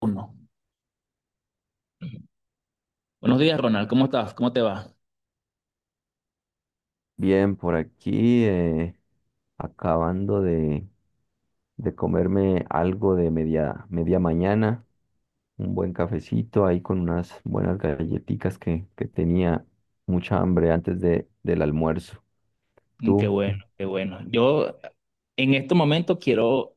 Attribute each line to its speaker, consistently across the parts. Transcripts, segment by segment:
Speaker 1: Uno. Buenos días, Ronald. ¿Cómo estás? ¿Cómo te va?
Speaker 2: Bien, por aquí acabando de comerme algo de media, media mañana, un buen cafecito ahí con unas buenas galletitas que tenía mucha hambre antes del almuerzo.
Speaker 1: Mm, qué
Speaker 2: ¿Tú?
Speaker 1: bueno, qué bueno. Yo en este momento quiero,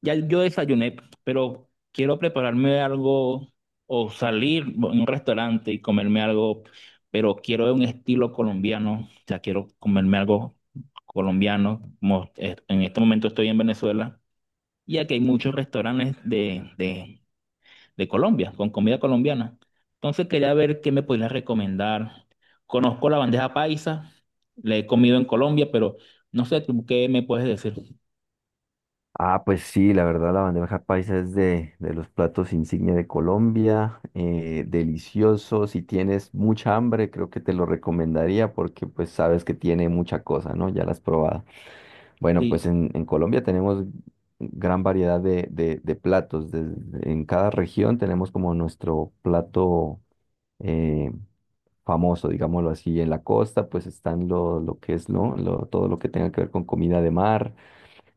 Speaker 1: ya yo desayuné, pero quiero prepararme algo o salir a un restaurante y comerme algo, pero quiero de un estilo colombiano, o sea, quiero comerme algo colombiano, como en este momento estoy en Venezuela y aquí hay muchos restaurantes de Colombia, con comida colombiana. Entonces quería ver qué me podrías recomendar. Conozco la bandeja paisa, la he comido en Colombia, pero no sé tú qué me puedes decir.
Speaker 2: Ah, pues sí, la verdad la bandeja paisa es de los platos insignia de Colombia, delicioso, si tienes mucha hambre creo que te lo recomendaría porque pues sabes que tiene mucha cosa, ¿no? Ya la has probado. Bueno,
Speaker 1: Sí.
Speaker 2: pues en Colombia tenemos gran variedad de, de platos. En cada región tenemos como nuestro plato eh, famoso, digámoslo así. En la costa, pues están lo que es, ¿no? Todo lo que tenga que ver con comida de mar.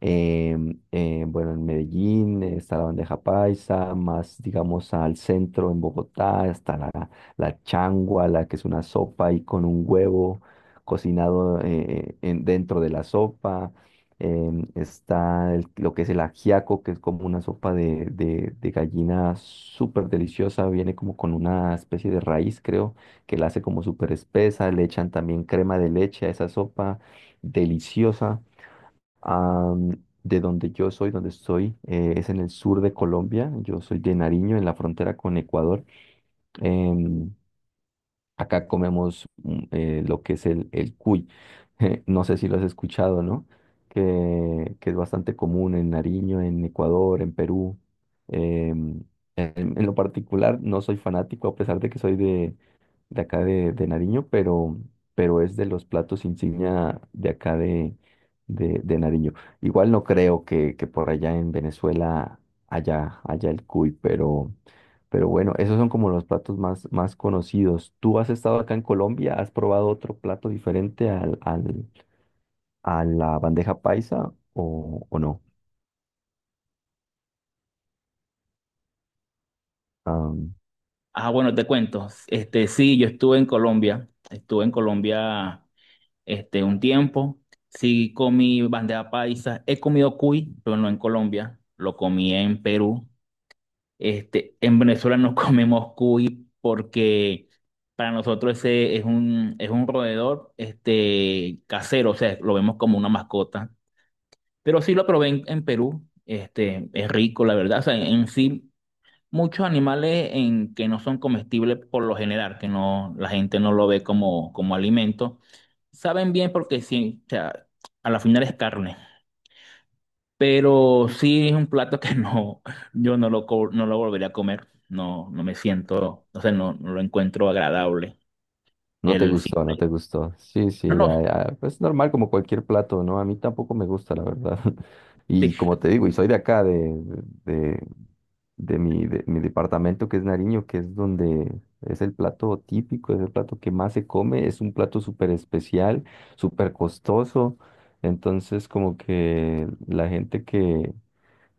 Speaker 2: Eh, bueno, en Medellín está la bandeja paisa, más digamos al centro en Bogotá está la changua, la que es una sopa y con un huevo cocinado dentro de la sopa. Está lo que es el ajiaco, que es como una sopa de, de gallina súper deliciosa, viene como con una especie de raíz, creo, que la hace como súper espesa, le echan también crema de leche a esa sopa, deliciosa. De donde yo soy, donde estoy, es en el sur de Colombia. Yo soy de Nariño, en la frontera con Ecuador. Em, Acá comemos lo que es el cuy. No sé si lo has escuchado, ¿no? Que es bastante común en Nariño, en Ecuador, en Perú. Em, en lo particular, no soy fanático, a pesar de que soy de acá de Nariño, pero es de los platos insignia de acá de, de Nariño. Igual no creo que por allá en Venezuela haya el cuy, pero bueno, esos son como los platos más, más conocidos. ¿Tú has estado acá en Colombia? ¿Has probado otro plato diferente a la bandeja paisa o no?
Speaker 1: Ah, bueno, te cuento. Este, sí, yo estuve en Colombia este un tiempo. Sí comí bandeja paisa, he comido cuy, pero no en Colombia, lo comí en Perú. Este, en Venezuela no comemos cuy porque para nosotros ese es un roedor este, casero, o sea, lo vemos como una mascota. Pero sí lo probé en Perú, este, es rico, la verdad. O sea, en sí, muchos animales en, que no son comestibles por lo general, que no, la gente no lo ve como, como alimento, saben bien porque sí, o sea, a la final es carne. Pero sí es un plato que no, yo no lo, no lo volvería a comer. No, no me siento, o sea, no, no lo encuentro agradable.
Speaker 2: No te
Speaker 1: El
Speaker 2: gustó, no
Speaker 1: simple.
Speaker 2: te gustó. Sí,
Speaker 1: No,
Speaker 2: sí,
Speaker 1: no,
Speaker 2: es normal como cualquier plato, ¿no? A mí tampoco me gusta, la verdad.
Speaker 1: sí.
Speaker 2: Y como te digo, y soy de acá, de, de mi departamento que es Nariño, que es donde es el plato típico, es el plato que más se come, es un plato súper especial, súper costoso. Entonces, como que la gente que,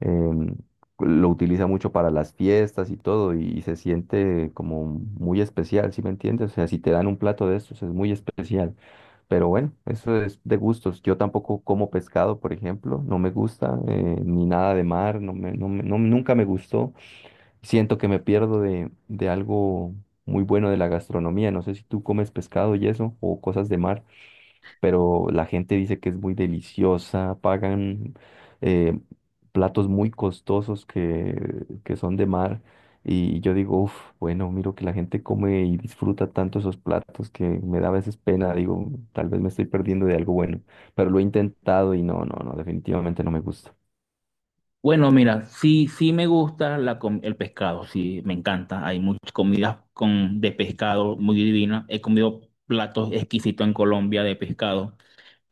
Speaker 2: em, lo utiliza mucho para las fiestas y todo, y se siente como muy especial, ¿sí me entiendes? O sea, si te dan un plato de estos es muy especial. Pero bueno, eso es de gustos. Yo tampoco como pescado, por ejemplo, no me gusta, ni nada de mar, nunca me gustó. Siento que me pierdo de algo muy bueno de la gastronomía. No sé si tú comes pescado y eso, o cosas de mar, pero la gente dice que es muy deliciosa, pagan eh, platos muy costosos que son de mar. Y yo digo, uff, bueno, miro que la gente come y disfruta tanto esos platos que me da a veces pena, digo, tal vez me estoy perdiendo de algo bueno, pero lo he intentado y no, no, no, definitivamente no me gusta.
Speaker 1: Bueno, mira, sí, sí me gusta la, el pescado, sí, me encanta. Hay muchas comidas con, de pescado muy divinas. He comido platos exquisitos en Colombia de pescado.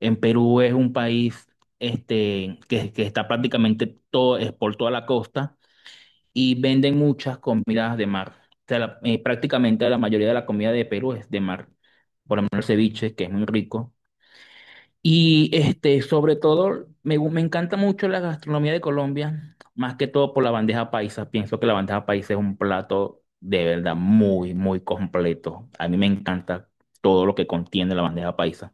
Speaker 1: En Perú es un país este, que está prácticamente todo, es por toda la costa. Y venden muchas comidas de mar. O sea, prácticamente la mayoría de la comida de Perú es de mar, por lo menos el ceviche, que es muy rico. Y este, sobre todo, me, me encanta mucho la gastronomía de Colombia, más que todo por la bandeja paisa. Pienso que la bandeja paisa es un plato de verdad muy, muy completo. A mí me encanta todo lo que contiene la bandeja paisa.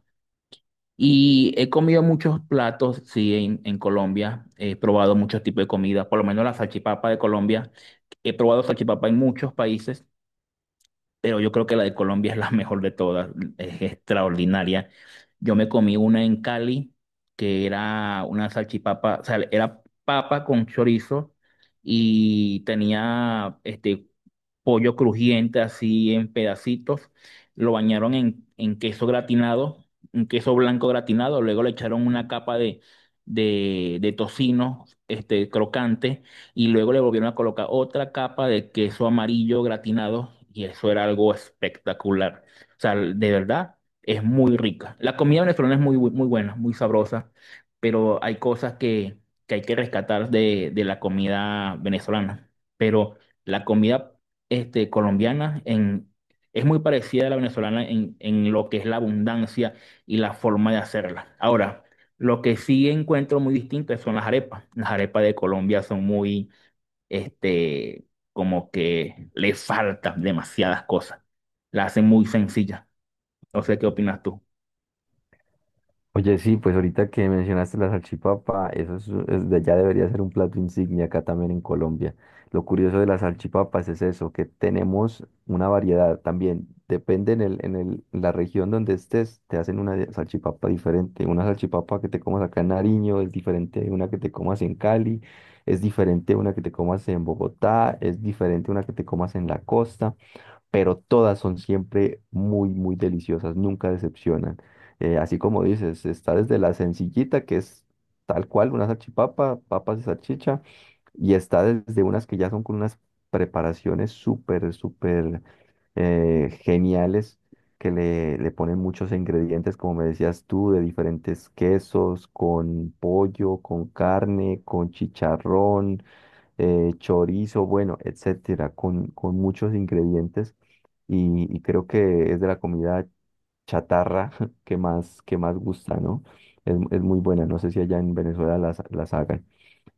Speaker 1: Y he comido muchos platos, sí, en Colombia. He probado muchos tipos de comida, por lo menos la salchipapa de Colombia. He probado salchipapa en muchos países, pero yo creo que la de Colombia es la mejor de todas. Es extraordinaria. Yo me comí una en Cali, que era una salchipapa, o sea, era papa con chorizo y tenía este, pollo crujiente así en pedacitos, lo bañaron en queso gratinado, un queso blanco gratinado, luego le echaron una capa de tocino este, crocante y luego le volvieron a colocar otra capa de queso amarillo gratinado y eso era algo espectacular. O sea, de verdad, es muy rica. La comida venezolana es muy, muy buena, muy sabrosa, pero hay cosas que hay que rescatar de la comida venezolana. Pero la comida este, colombiana en, es muy parecida a la venezolana en lo que es la abundancia y la forma de hacerla. Ahora, lo que sí encuentro muy distinto son las arepas. Las arepas de Colombia son muy, este, como que le faltan demasiadas cosas. La hacen muy sencilla. No sé qué opinas tú.
Speaker 2: Oye, sí, pues ahorita que mencionaste la salchipapa, eso es, ya debería ser un plato insignia acá también en Colombia. Lo curioso de las salchipapas es eso, que tenemos una variedad también. Depende en el, en la región donde estés, te hacen salchipapa diferente. Una salchipapa que te comas acá en Nariño es diferente de una que te comas en Cali, es diferente de una que te comas en Bogotá, es diferente de una que te comas en la costa, pero todas son siempre muy, muy deliciosas, nunca decepcionan. Así como dices, está desde la sencillita, que es tal cual una salchipapa, papas y salchicha, y está desde unas que ya son con unas preparaciones súper, súper geniales, que le ponen muchos ingredientes, como me decías tú, de diferentes quesos, con pollo, con carne, con chicharrón, chorizo, bueno, etcétera, con muchos ingredientes, y creo que es de la comida chatarra que más gusta, ¿no? Es muy buena, no sé si allá en Venezuela las hagan.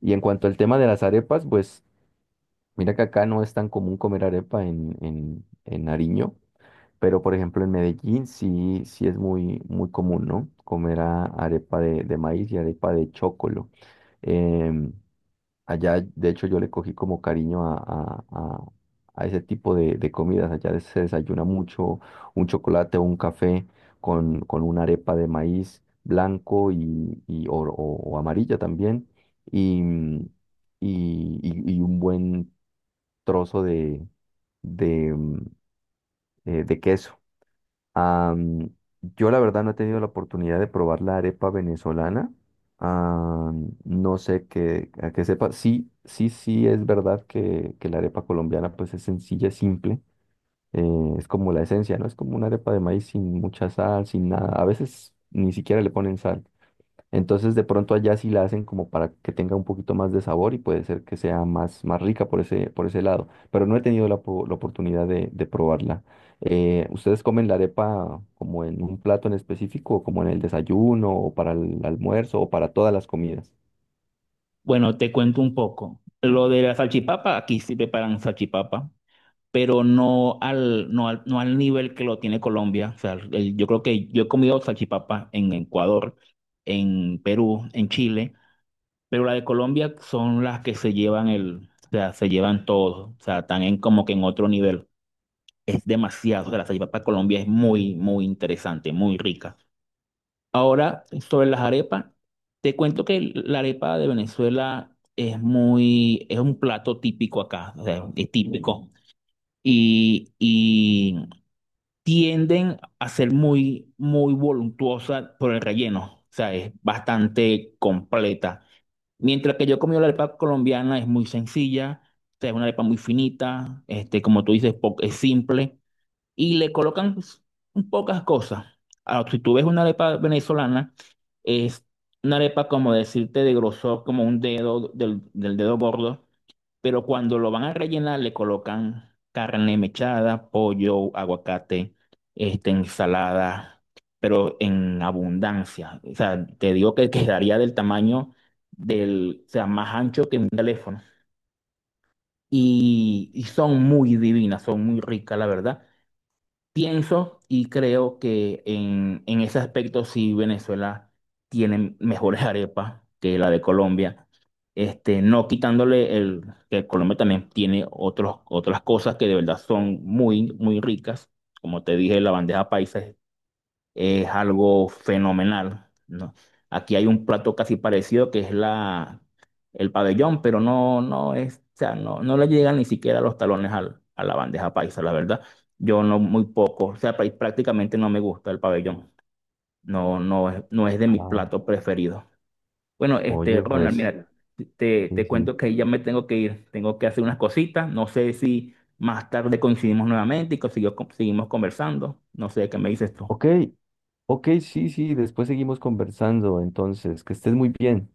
Speaker 2: Y en cuanto al tema de las arepas, pues mira que acá no es tan común comer arepa en, en Nariño, pero por ejemplo en Medellín sí, sí es muy, muy común, ¿no? Comer arepa de maíz y arepa de chocolo. Em, Allá, de hecho, yo le cogí como cariño a, a ese tipo de comidas. Allá se desayuna mucho un chocolate o un café con una arepa de maíz blanco y, o, o amarilla también y, y un buen trozo de, de queso. Am, yo la verdad no he tenido la oportunidad de probar la arepa venezolana. No sé que, a que sepa. Sí, sí, sí, es verdad que la arepa colombiana pues es sencilla, es simple. Es como la esencia, ¿no? Es como una arepa de maíz sin mucha sal, sin nada. A veces ni siquiera le ponen sal. Entonces de pronto allá sí la hacen como para que tenga un poquito más de sabor y puede ser que sea más, más rica por ese lado. Pero no he tenido la oportunidad de probarla. ¿Ustedes comen la arepa como en un plato en específico, o como en el desayuno, o para el almuerzo, o para todas las comidas?
Speaker 1: Bueno, te cuento un poco. Lo de la salchipapa, aquí sí preparan salchipapa. Pero no al nivel que lo tiene Colombia. O sea, yo creo que yo he comido salchipapa en Ecuador, en Perú, en Chile, pero la de Colombia son las que se llevan el, o sea, se llevan todo, o sea, están en, como que en otro nivel. Es demasiado, o sea, la salchipapa de Colombia es muy, muy interesante, muy rica. Ahora, sobre las arepas, te cuento que la arepa de Venezuela es muy, es un plato típico acá, o sea, es típico. Y, tienden a ser muy, muy voluntuosa por el relleno, o sea, es bastante completa. Mientras que yo he comido la arepa colombiana, es muy sencilla, o sea, es una arepa muy finita, este, como tú dices, es simple, y le colocan pues, pocas cosas. Ahora, si tú ves una arepa venezolana, es una arepa como decirte de grosor, como un dedo del dedo gordo pero cuando lo van a rellenar le colocan carne mechada, pollo, aguacate, este, ensalada, pero en abundancia. O sea, te digo que quedaría del tamaño del, o sea, más ancho que un teléfono. Y son muy divinas, son muy ricas, la verdad. Pienso y creo que en ese aspecto sí Venezuela tiene mejores arepas que la de Colombia. Este, no quitándole el que Colombia también tiene otros, otras cosas que de verdad son muy, muy ricas. Como te dije, la bandeja paisa es algo fenomenal, ¿no? Aquí hay un plato casi parecido que es la, el pabellón, pero no, no es, o sea, no, no le llegan ni siquiera los talones a la bandeja paisa, la verdad. Yo no, muy poco, o sea, prácticamente no me gusta el pabellón. No, no es, no es de mi
Speaker 2: Ah,
Speaker 1: plato preferido. Bueno, este,
Speaker 2: oye,
Speaker 1: Ronald,
Speaker 2: pues,
Speaker 1: mira,
Speaker 2: sí,
Speaker 1: te
Speaker 2: sí.
Speaker 1: cuento que ya me tengo que ir, tengo que hacer unas cositas. No sé si más tarde coincidimos nuevamente y seguimos conversando. No sé qué me dices tú.
Speaker 2: Ok, ok, sí, sí, después seguimos conversando. Entonces, que estés muy bien.